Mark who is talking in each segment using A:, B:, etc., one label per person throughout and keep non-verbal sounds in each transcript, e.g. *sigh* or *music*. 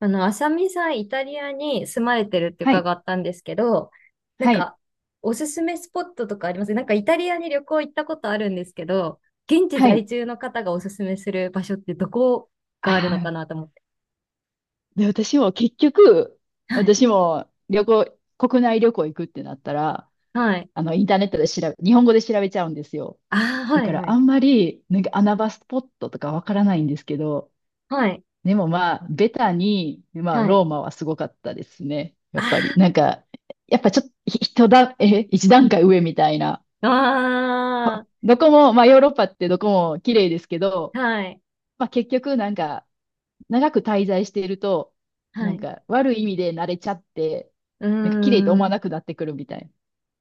A: あさみさん、イタリアに住まれてるって
B: はい。
A: 伺ったんですけど、なん
B: はい。
A: か、おすすめスポットとかあります？なんか、イタリアに旅行行ったことあるんですけど、現地
B: は
A: 在
B: い。
A: 住の方がおすすめする場所ってどこ
B: あ
A: があるのか
B: あ。
A: なと思って。
B: で、私も結局、
A: はい。
B: 私も国内旅行行くってなったら、
A: はい。
B: インターネットで日本語で調べちゃうんですよ。
A: ああ、
B: だ
A: は
B: か
A: い、は
B: らあ
A: い。
B: んまり、なんか穴場スポットとかわからないんですけど、
A: はい。
B: でもまあ、ベタに、まあ、
A: はい。
B: ローマはすごかったですね。やっぱり、
A: あ
B: なんか、やっぱちょっと、ひ人段え、一段階上みたいな。
A: あ、あ
B: どこも、まあ、ヨーロッパってどこも綺麗ですけど、
A: あ、はい。
B: まあ、結局、なんか、長く滞在していると、
A: は
B: なん
A: い。
B: か悪い意味で慣れちゃって、
A: うー
B: なんか綺麗と思わ
A: ん。
B: なくなってくるみたいな。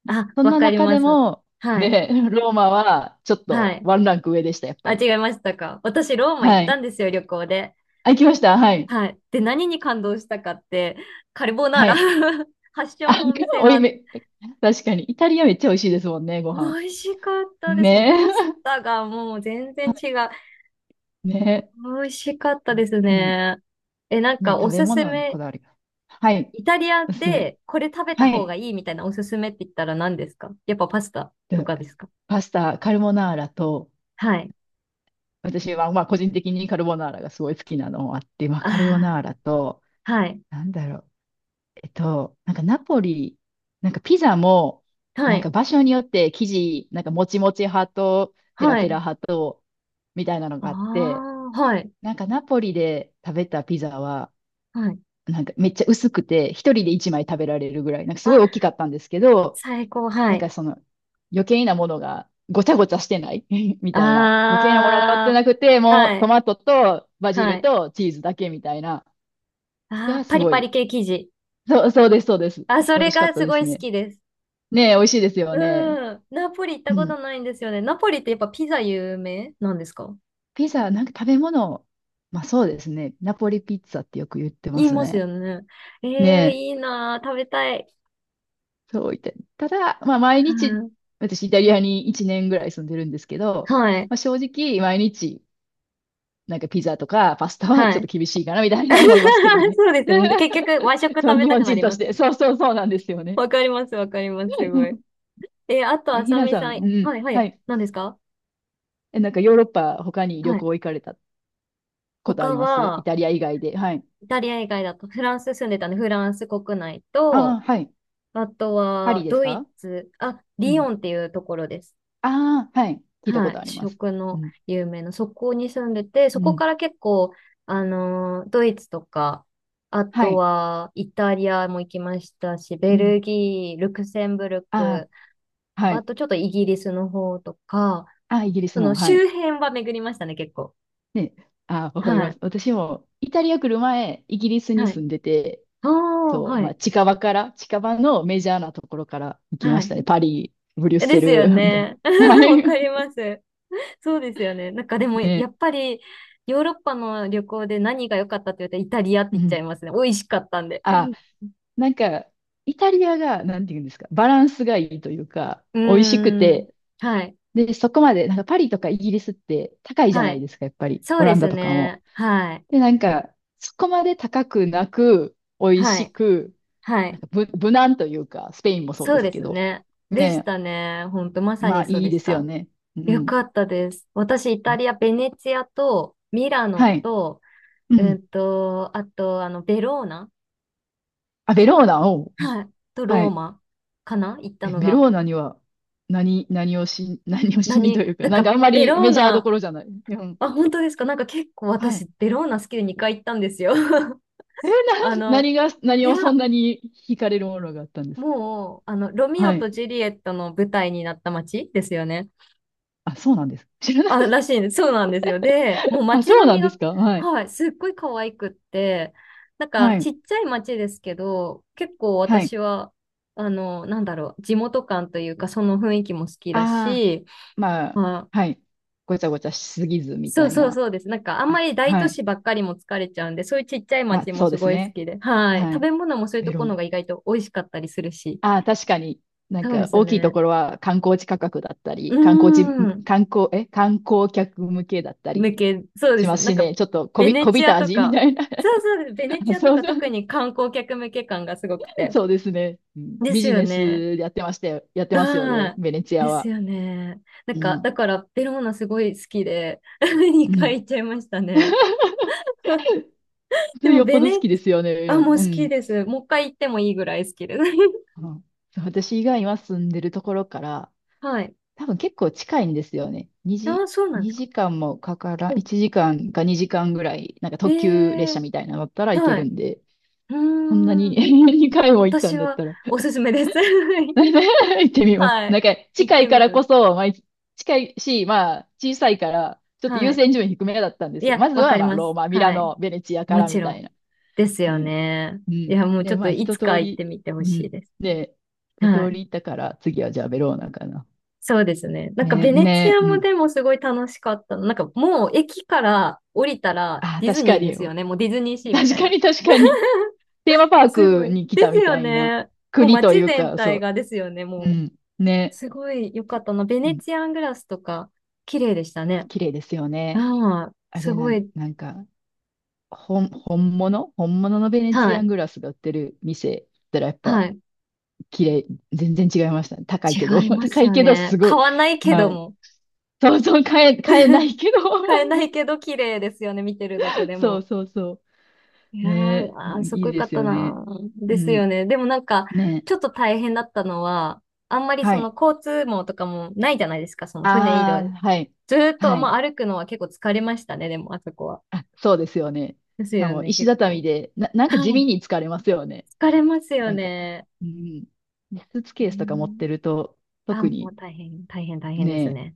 A: あ、
B: そん
A: わ
B: な
A: かり
B: 中
A: ま
B: で
A: す。
B: も、
A: はい。
B: ね、ローマはちょっ
A: は
B: と
A: い。
B: ワンランク上でした、やっぱ
A: あ、
B: り。
A: 違いましたか。私、ローマ行
B: は
A: った
B: い。
A: んですよ、旅行で。
B: あ、行きました。はい。
A: はい。で、何に感動したかって、カルボナー
B: は
A: ラ
B: い。
A: *laughs* 発祥
B: あ、
A: のお
B: *laughs*
A: 店
B: おい
A: が
B: め、確かに。イタリアめっちゃ美味しいですもんね、ご飯。
A: 美味しかったです。もう
B: ね
A: パスタがもう全然違う。
B: え。*laughs* ね
A: 美味しかったです
B: え。うん。
A: ね。え、なん
B: ねえ、
A: かお
B: 食べ
A: すす
B: 物のこ
A: め、
B: だわりが。はい。
A: イタリア
B: おすすめ。
A: でこれ食べた
B: は
A: 方が
B: い。
A: いいみたいなおすすめって言ったら何ですか？やっぱパスタと
B: で、
A: かですか？
B: パスタ、カルボナーラと、
A: はい。
B: 私は、まあ、個人的にカルボナーラがすごい好きなのもあって、まあ、
A: あ
B: カルボナーラと、
A: あ、はい。
B: なんだろう、えっと、なんかナポリ、なんかピザも、
A: は
B: なんか
A: い。
B: 場所によって生地、なんかもちもち派とペラ
A: は
B: ペ
A: い。
B: ラ派と、みたいなの
A: あ
B: があって、
A: あ、はい。
B: なんかナポリで食べたピザは、
A: はい。
B: なんかめっちゃ薄くて、一人で一枚食べられるぐらい、なんかすごい
A: あ、
B: 大きかったんですけど、
A: 最高。は
B: なん
A: い。
B: かその余計なものがごちゃごちゃしてない *laughs* みたいな。余計なものが乗って
A: あ
B: なくて、
A: あ、
B: も
A: は
B: うト
A: い。
B: マトとバジ
A: は
B: ル
A: い。
B: とチーズだけみたいな。
A: あ
B: が
A: あ、パ
B: す
A: リ
B: ご
A: パリ
B: い。
A: 系生地。
B: そう、そうです、そうです。
A: あ、そ
B: 美味
A: れ
B: しかっ
A: が
B: た
A: す
B: で
A: ご
B: す
A: い好
B: ね。
A: きです。
B: ねえ、美味しいですよね。
A: うん。ナポリ行った
B: う
A: こ
B: ん。
A: とないんですよね。ナポリってやっぱピザ有名なんですか？
B: ピザ、なんか食べ物、まあそうですね。ナポリピッツァってよく言ってま
A: 言い
B: す
A: ます
B: ね。
A: よね。え
B: ね
A: え、
B: え、
A: いいなー、食べたい。
B: そう言って。ただ、まあ毎
A: う
B: 日、
A: ん、
B: 私イタリアに1年ぐらい住んでるんですけど、
A: はい。
B: まあ、正直毎日なんかピザとかパスタは
A: は
B: ちょっと
A: い。
B: 厳しいかなみたいな思いますけど
A: *laughs*
B: ね。
A: そうですね。結
B: *laughs*
A: 局、和食
B: そ
A: 食
B: う、
A: べ
B: 日
A: たく
B: 本
A: な
B: 人
A: り
B: と
A: ま
B: し
A: すよ
B: て。
A: ね。
B: そうそう、そうなんですよね。
A: わかります、わかります、すごい。
B: *laughs*
A: あと、
B: え、
A: あ
B: ひ
A: さ
B: な
A: み
B: さ
A: さ
B: ん、
A: ん。
B: う
A: は
B: ん。
A: い、は
B: は
A: い。
B: い。
A: 何ですか？
B: え、なんかヨーロッパ他に旅
A: はい。
B: 行行かれたことあ
A: 他
B: ります？イ
A: は、
B: タリア以外で。はい。
A: イタリア以外だと、フランス住んでたんで、フランス国内
B: あ
A: と、
B: あ、はい。
A: あと
B: パリ
A: は、
B: です
A: ドイ
B: か？
A: ツ、あ、
B: う
A: リヨ
B: ん。
A: ンっていうところです。
B: ああ、はい。聞いた
A: は
B: こと
A: い。
B: あります。
A: 食
B: う
A: の
B: ん。
A: 有名な、そこに住んでて、そ
B: う
A: こ
B: ん。
A: から結構、ドイツとか、あ
B: は
A: と
B: い。
A: は、イタリアも行きましたし、ベ
B: うん。
A: ルギー、ルクセンブル
B: あ
A: ク、
B: あ、は
A: あ
B: い。
A: とちょっとイギリスの方とか、
B: ああ、イギリ
A: そ
B: ス
A: の
B: も。はい。
A: 周辺は巡りましたね、結構。
B: ね。ああ、わかり
A: は
B: ま
A: い。
B: す。私もイタリア来る前、イギリスに
A: はい。
B: 住んでて、
A: ああ、
B: そう、
A: は
B: まあ、
A: い。
B: 近場から、近場のメジャーなところから行きま
A: は
B: し
A: い。
B: たね。パリ、ブリュッ
A: で
B: セ
A: すよ
B: ル、*laughs* みたい
A: ね。
B: な。は
A: *laughs* わ
B: い。
A: かります。そうですよね。なんかでも、や
B: ね。
A: っぱり、ヨーロッパの旅行で何が良かったって言ったらイタリアって
B: う
A: 言っちゃ
B: ん。
A: いますね。美味しかったんで。
B: あ、
A: *laughs*
B: なんか、イタリアが、なんていうんですか、バランスがいいというか、
A: う
B: 美味しく
A: ーん。
B: て、
A: はい。
B: で、そこまで、なんかパリとかイギリスって高いじゃ
A: は
B: ない
A: い。
B: ですか、やっぱり、
A: そう
B: オ
A: で
B: ランダ
A: す
B: とかも。
A: ね。はい。
B: で、なんか、そこまで高くなく、美味
A: は
B: し
A: い。
B: く、
A: は
B: な
A: い。
B: んか無、無難というか、スペインもそうで
A: そう
B: す
A: で
B: け
A: す
B: ど、
A: ね。でし
B: ね、
A: たね。ほんと、まさ
B: ま
A: に
B: あ
A: そう
B: いい
A: でし
B: ですよ
A: た。
B: ね。う
A: よ
B: ん。
A: かったです。私、イタリア、ベネツィアと、ミラノ
B: はい。
A: と、
B: うん。
A: あと、ベローナ、
B: あ、ベローナを、
A: はい。と、
B: は
A: ロー
B: い。
A: マかな、行った
B: え、
A: の
B: ベ
A: が。
B: ローナには何をしにと
A: 何、
B: いうか、
A: なん
B: なんか
A: か、
B: あんま
A: ベ
B: り
A: ロー
B: メジャーど
A: ナ、
B: ころじゃない。うん。
A: あ、本当ですか？なんか結構
B: は
A: 私、
B: い。
A: ベローナ好きで2回行ったんですよ。*laughs*
B: え、
A: あの、
B: 何が、
A: い
B: 何
A: や、
B: をそんなに惹かれるものがあったんですか？
A: もう、ロミオ
B: は
A: と
B: い。
A: ジュリエットの舞台になった街ですよね。
B: あ、そうなんです。知らなか
A: あ、
B: っ
A: らしいんです。そうなんですよ。で、
B: た。
A: もう
B: あ、そ
A: 街
B: う
A: 並
B: な
A: み
B: んで
A: が、
B: すか？はい。
A: はい、すっごい可愛くって、なんか、
B: は
A: ち
B: い。
A: っちゃい街ですけど、結構
B: はい。
A: 私は、地元感というか、その雰囲気も好きだ
B: ああ、
A: し、
B: まあ、
A: ま
B: はい。ごちゃごちゃしすぎずみ
A: そ
B: た
A: う
B: い
A: そう
B: な。
A: そうです。なんか、あんま
B: あ、
A: り大
B: は
A: 都
B: い。
A: 市ばっかりも疲れちゃうんで、そういうちっちゃい
B: まあ、
A: 町も
B: そう
A: す
B: で
A: ご
B: す
A: い好
B: ね。
A: きで。はい。
B: は
A: 食
B: い。
A: べ物もそういう
B: ベ
A: と
B: ロ
A: こ
B: ー
A: ろ
B: ナ。
A: が意外と美味しかったりするし。
B: ああ、確かに、なん
A: そうで
B: か
A: すよ
B: 大きいと
A: ね。
B: ころは観光地価格だった
A: うー
B: り、観光地、
A: ん。
B: 観光客向けだったり
A: そうで
B: しま
A: す。
B: す
A: なん
B: し
A: か、
B: ね、ちょっとこ
A: ベ
B: び、
A: ネ
B: こび
A: チア
B: た
A: と
B: 味み
A: か、
B: たいな。
A: そうそうです。ベネチ
B: *laughs*
A: アと
B: そう
A: か
B: そ
A: 特に観光客向け感がすごく
B: う、
A: て。
B: そうですね、うん。
A: で
B: ビ
A: す
B: ジ
A: よ
B: ネ
A: ね。
B: スやってました？やってますよ
A: は
B: ね、
A: い。
B: ベネチア
A: です
B: は。
A: よね。な
B: う
A: んか、
B: ん。
A: だから、ベローナすごい好きで、*laughs*
B: う
A: 2
B: ん。
A: 回行っちゃいましたね。
B: そ
A: で
B: れ
A: も、
B: よっぽど好きですよね、い
A: あ、
B: ろん
A: も
B: な。
A: う
B: う
A: 好き
B: ん。
A: です。もう一回行ってもいいぐらい好きです。
B: うん。そう、私以外は住んでるところから、
A: *laughs* はい。
B: 多分結構近いんですよね。2
A: あ、
B: 時、
A: そうなんですか。
B: 2時間もかから
A: も
B: ん、
A: う、
B: 1時間か2時間ぐらい、なんか
A: え
B: 特急列車
A: ー、
B: みたいなのだったら行け
A: は
B: る
A: い。
B: んで、
A: う
B: こんなに
A: ーん。
B: *laughs* 2回も行ったん
A: 私
B: だっ
A: は
B: たら
A: お
B: *laughs*
A: すすめです。*laughs*
B: 行ってみます。
A: は
B: なん
A: い。
B: か
A: 行っ
B: 近
A: て
B: いか
A: み
B: ら
A: てほし
B: こ
A: い。
B: そ、まあ、近いし、まあ小さいから、ちょっと
A: は
B: 優
A: い。
B: 先順位低めだったんで
A: い
B: すよ。ま
A: や、
B: ず
A: わか
B: は
A: り
B: まあ
A: ま
B: ロー
A: す。
B: マ、ミラ
A: はい。
B: ノ、ベネチアか
A: も
B: ら
A: ち
B: み
A: ろ
B: たい
A: ん。
B: な。
A: ですよ
B: ね。
A: ね。
B: う
A: い
B: ん。
A: や、もうち
B: で、
A: ょっ
B: ま
A: と
B: あ
A: い
B: 一
A: つか
B: 通
A: 行って
B: り、
A: みてほ
B: う
A: し
B: ん。
A: いです。
B: で、一
A: は
B: 通
A: い。
B: り行ったから、次はじゃあベローナかな。
A: そうですね。なんか
B: ね、
A: ベネチ
B: ね、
A: ア
B: う
A: も
B: ん。
A: でもすごい楽しかったの。なんかもう駅から降りたら
B: あ、
A: ディズ
B: 確か
A: ニーで
B: に。
A: すよね。もうディズニーシーみ
B: 確
A: たい
B: か
A: な。
B: に確かに。テーマパー
A: すご
B: ク
A: い。
B: に来
A: で
B: た
A: す
B: み
A: よ
B: たいな
A: ね。もう
B: 国と
A: 街
B: いう
A: 全
B: か、
A: 体
B: そ
A: がですよね。
B: う。う
A: もう、
B: ん。ね。
A: すごい良かったな。ベ
B: う
A: ネ
B: ん。
A: チアングラスとか、綺麗でした
B: あ、
A: ね。
B: 綺麗ですよね。
A: ああ、
B: あ
A: す
B: れな
A: ご
B: ん、
A: い。
B: なんか、本物本物のベネ
A: は
B: チアン
A: い。
B: グラスが売ってる店だったらやっ
A: は
B: ぱ
A: い。
B: 綺麗、全然違いましたね。高いけど、
A: 違い
B: *laughs*
A: ま
B: 高
A: す
B: い
A: よ
B: けど
A: ね。
B: すご
A: 買
B: い。
A: わないけど
B: はい。
A: も。
B: そうそう、買えない
A: *laughs*
B: けど、*laughs* あ
A: 買えな
B: の、
A: いけど綺麗ですよね。見てるだけで
B: そう
A: も。
B: そうそ
A: い
B: う。
A: やー、
B: ね
A: あー、
B: え。
A: す
B: い
A: ごい
B: い
A: 良か
B: で
A: っ
B: す
A: た
B: よね。
A: な。
B: う
A: ですよ
B: ん。
A: ね。でもなんか、
B: ね
A: ち
B: え。
A: ょっと大変だったのは、あんまり
B: は
A: その
B: い。
A: 交通網とかもないじゃないですか。その船移動。
B: ああ、はい。
A: ずーっと、
B: はい。
A: まあ、歩くのは結構疲れましたね、でも、あそこは。
B: *laughs* あ、そうですよね。
A: です
B: しか
A: よ
B: も
A: ね、
B: 石
A: 結
B: 畳
A: 構。*laughs*
B: で、なんか
A: は
B: 地味
A: い。
B: に疲れますよね。
A: 疲れますよ
B: なんか、
A: ね。
B: うん。で、スーツ
A: え
B: ケースとか持っ
A: ー
B: てると、
A: あ、も
B: 特に
A: う大変、大変、大変です
B: ね、
A: ね。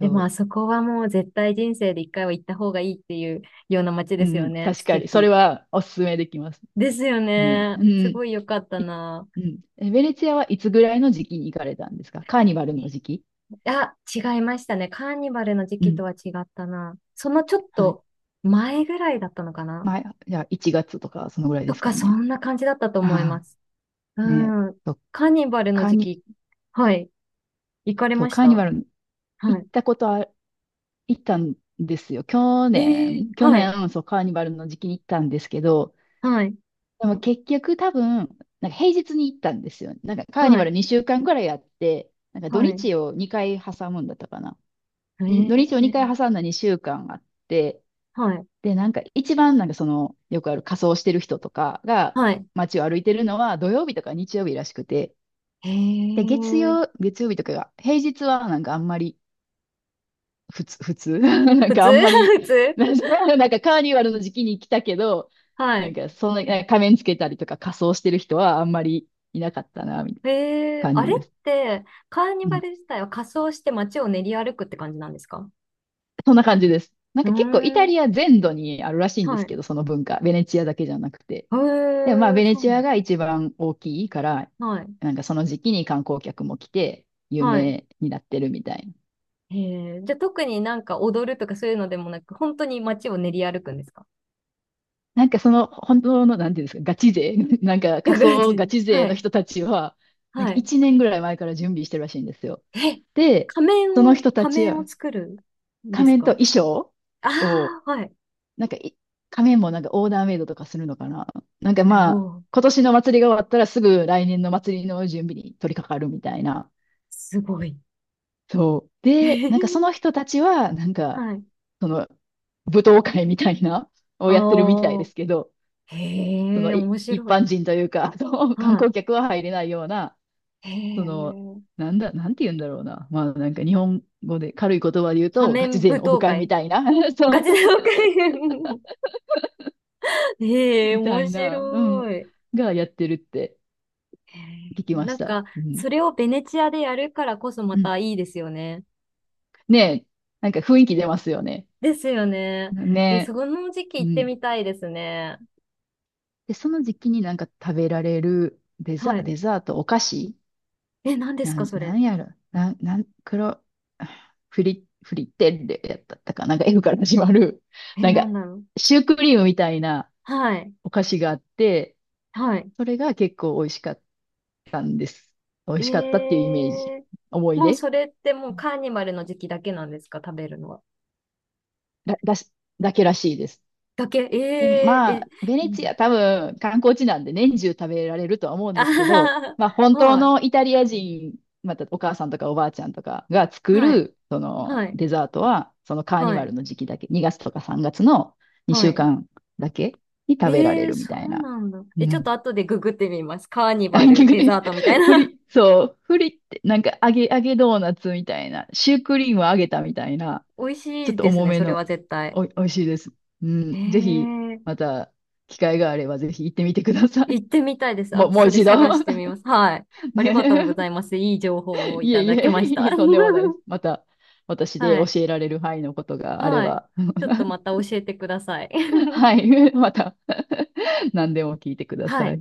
A: でも、ま
B: う、
A: あそこはもう絶対人生で一回は行った方がいいっていうような街
B: う
A: ですよ
B: ん、
A: ね。
B: 確
A: 素
B: かに、それ
A: 敵。
B: はおすすめできます。
A: ですよ
B: ね、
A: ね。
B: う
A: す
B: ん。
A: ごい良かった
B: い
A: な。
B: うん。え、ベネツアはいつぐらいの時期に行かれたんですか？カーニバルの
A: え
B: 時期？
A: あ、違いましたね。カーニバルの時
B: う
A: 期
B: ん。
A: とは違ったな。そのちょっ
B: はい。
A: と前ぐらいだったのかな、
B: まあ、じゃあ1月とか、そのぐらいで
A: と
B: す
A: か、
B: か
A: そ
B: ね。
A: んな感じだったと思いま
B: あ
A: す。
B: あ、ね、
A: うん。
B: そう、
A: カーニバルの
B: カー
A: 時
B: ニ、
A: 期、はい。行かれ
B: そう、
A: まし
B: カーニ
A: た？
B: バル
A: は
B: 行っ
A: い。
B: たことあ行ったんですよ。去
A: ええ、
B: 年、去
A: はい、
B: 年、そう、カーニバルの時期に行ったんですけど、
A: はい、
B: でも結局多分、なんか平日に行ったんですよ。なんかカーニ
A: は
B: バ
A: い、
B: ル2週間くらいやって、なんか土
A: はい。
B: 日を2回挟むんだったかな。に土
A: え
B: 日を2
A: え、
B: 回挟んだ2週間あって、
A: はい、
B: で、なんか一番なんかその、よくある仮装してる人とかが
A: はい。
B: 街を歩いてるのは土曜日とか日曜日らしくて、
A: え
B: で、
A: え、
B: 月曜日とかが、平日はなんかあんまり普通、普通 *laughs* なん
A: 普
B: か
A: 通
B: あんまり、
A: *laughs* 普
B: *laughs*
A: 通。
B: なんかカーニバルの時期に来たけど、
A: は
B: なん
A: い。
B: かそんな、なんか仮面つけたりとか仮装してる人はあんまりいなかったな、みたいな
A: ええ、
B: 感
A: あ
B: じ
A: れっ
B: です。
A: て、カーニ
B: う
A: バ
B: ん。
A: ル自体は仮装して街を練り歩くって感じなんですか？
B: そんな感じです。なん
A: う
B: か結構イ
A: ー
B: タ
A: ん、
B: リア全土にあるらしいんで
A: は
B: すけ
A: い。
B: ど、その文化。ベネチアだけじゃなくて。
A: え
B: で、まあ
A: え、
B: ベネ
A: そう
B: チアが一番大きいから、
A: なん。はい、
B: なんかその時期に観光客も来て有
A: はい。
B: 名になってるみたいな。
A: ええ、じゃあ特になんか踊るとかそういうのでもなく、本当に街を練り歩くんですか？ *laughs* っ
B: なんかその本当の、なんていうんですか、ガチ勢、*laughs* なんか
A: ていう
B: 仮
A: 感
B: 想ガ
A: じ。
B: チ
A: は
B: 勢の
A: い、
B: 人たちは、なん
A: は
B: か
A: い。
B: 1年ぐらい前から準備してるらしいんですよ。
A: え、
B: で、
A: 仮面
B: その
A: を、
B: 人た
A: 仮
B: ち
A: 面を
B: は
A: 作るんで
B: 仮
A: す
B: 面と
A: か？
B: 衣装を、
A: ああ、はい。
B: なんかい仮面もなんかオーダーメイドとかするのかな。なんか
A: す
B: まあ、
A: ごい。
B: 今年の祭りが終わったらすぐ来年の祭りの準備に取り掛かるみたいな。
A: すごい。
B: そう。
A: *laughs* へ
B: で、なんかその
A: え、
B: 人たちは、なんか、
A: はい。
B: その舞踏会みたいなをやってるみたいで
A: ああ、
B: すけど、そ
A: へ
B: の
A: え、
B: い
A: 面
B: 一
A: 白い。
B: 般人というか、*laughs* その観
A: は
B: 光客は入れないような、
A: い。へ
B: その、
A: え、
B: なんて言うんだろうな。まあなんか日本語で軽い言葉で言う
A: 仮
B: と、ガ
A: 面
B: チ
A: 舞
B: 勢のオフ
A: 踏
B: 会み
A: 会。
B: たいな、*laughs* そ
A: ガ
B: う、
A: チ舞踏会。 *laughs* へえ、
B: みた
A: 面
B: いな、うん、
A: 白い。
B: がやってるって
A: へえ、
B: 聞きま
A: な
B: し
A: ん
B: た。
A: か、
B: うん。
A: それをベネチアでやるからこそま
B: うん。
A: たいいですよね。
B: ねえ、なんか雰囲気出ますよね。
A: ですよね。え、そ
B: ね
A: の時期
B: え。う
A: 行って
B: ん。
A: みたいですね。
B: で、その時期になんか食べられる
A: はい。
B: デザート、お菓子、
A: え、何です
B: な
A: か、
B: ん、
A: そ
B: な
A: れ。
B: んやろ。なん、なん、黒、フリ、フリッテッレやったったかな。なんか F から始まる。
A: え、
B: なん
A: な
B: か、
A: んだろう。
B: シュークリームみたいな
A: はい。
B: お菓子があって、
A: はい。
B: それが結構美味しかったんです。美味しかったってい
A: え
B: うイメージ。
A: え、
B: 思い
A: もう
B: 出。
A: それってもうカーニバルの時期だけなんですか、食べるのは。
B: だし、だけらしいです。
A: だけ、
B: でも
A: ええ
B: ま
A: え、
B: あ、ベネ
A: いい
B: チ
A: な。
B: ア多分観光地なんで年中食べられるとは思う
A: *laughs*
B: ん
A: あ
B: ですけど、
A: は
B: まあ本当
A: は、
B: のイタリア人、またお母さんとかおばあちゃんとかが作
A: はい、
B: るその
A: はい、
B: デザートは、そのカーニ
A: は
B: バ
A: い、
B: ルの時期だけ、2月とか3月の2
A: は
B: 週
A: い。
B: 間だけに
A: え
B: 食べられ
A: え、
B: るみ
A: そ
B: たい
A: う
B: な。
A: なんだ。
B: う
A: え、ちょっと
B: ん。
A: 後でググってみます。カーニ
B: あ、
A: バル、
B: 逆
A: デザ
B: に、
A: ートみたい
B: *laughs*
A: な。
B: フリ、そう、フリってなんか揚げドーナツみたいな、シュークリームを揚げたみたいな、
A: *laughs* 美味し
B: ちょっ
A: い
B: と
A: です
B: 重
A: ね、
B: め
A: それは
B: の、
A: 絶対。
B: 美味しいです。うん。ぜひ、
A: え
B: ま
A: え、
B: た、機会があれば、ぜひ行ってみてください。
A: 行ってみたいで
B: *laughs*
A: す。
B: もう、
A: あ、
B: もう
A: それ
B: 一度。
A: 探してみます。はい。
B: *laughs*
A: ありがとうご
B: ね
A: ざいます。いい情
B: え。
A: 報
B: *laughs*
A: をい
B: いえ
A: た
B: い
A: だきま
B: え、*laughs*
A: した。
B: いえ、とんでもないです。
A: *laughs*
B: また、私で
A: は
B: 教
A: い。
B: えられる範囲のことがあれ
A: はい。
B: ば、
A: ちょっとまた教えてください。
B: *laughs* は
A: *laughs*
B: い。*laughs* また、*laughs* 何でも聞いてくだ
A: は
B: さ
A: い。
B: い。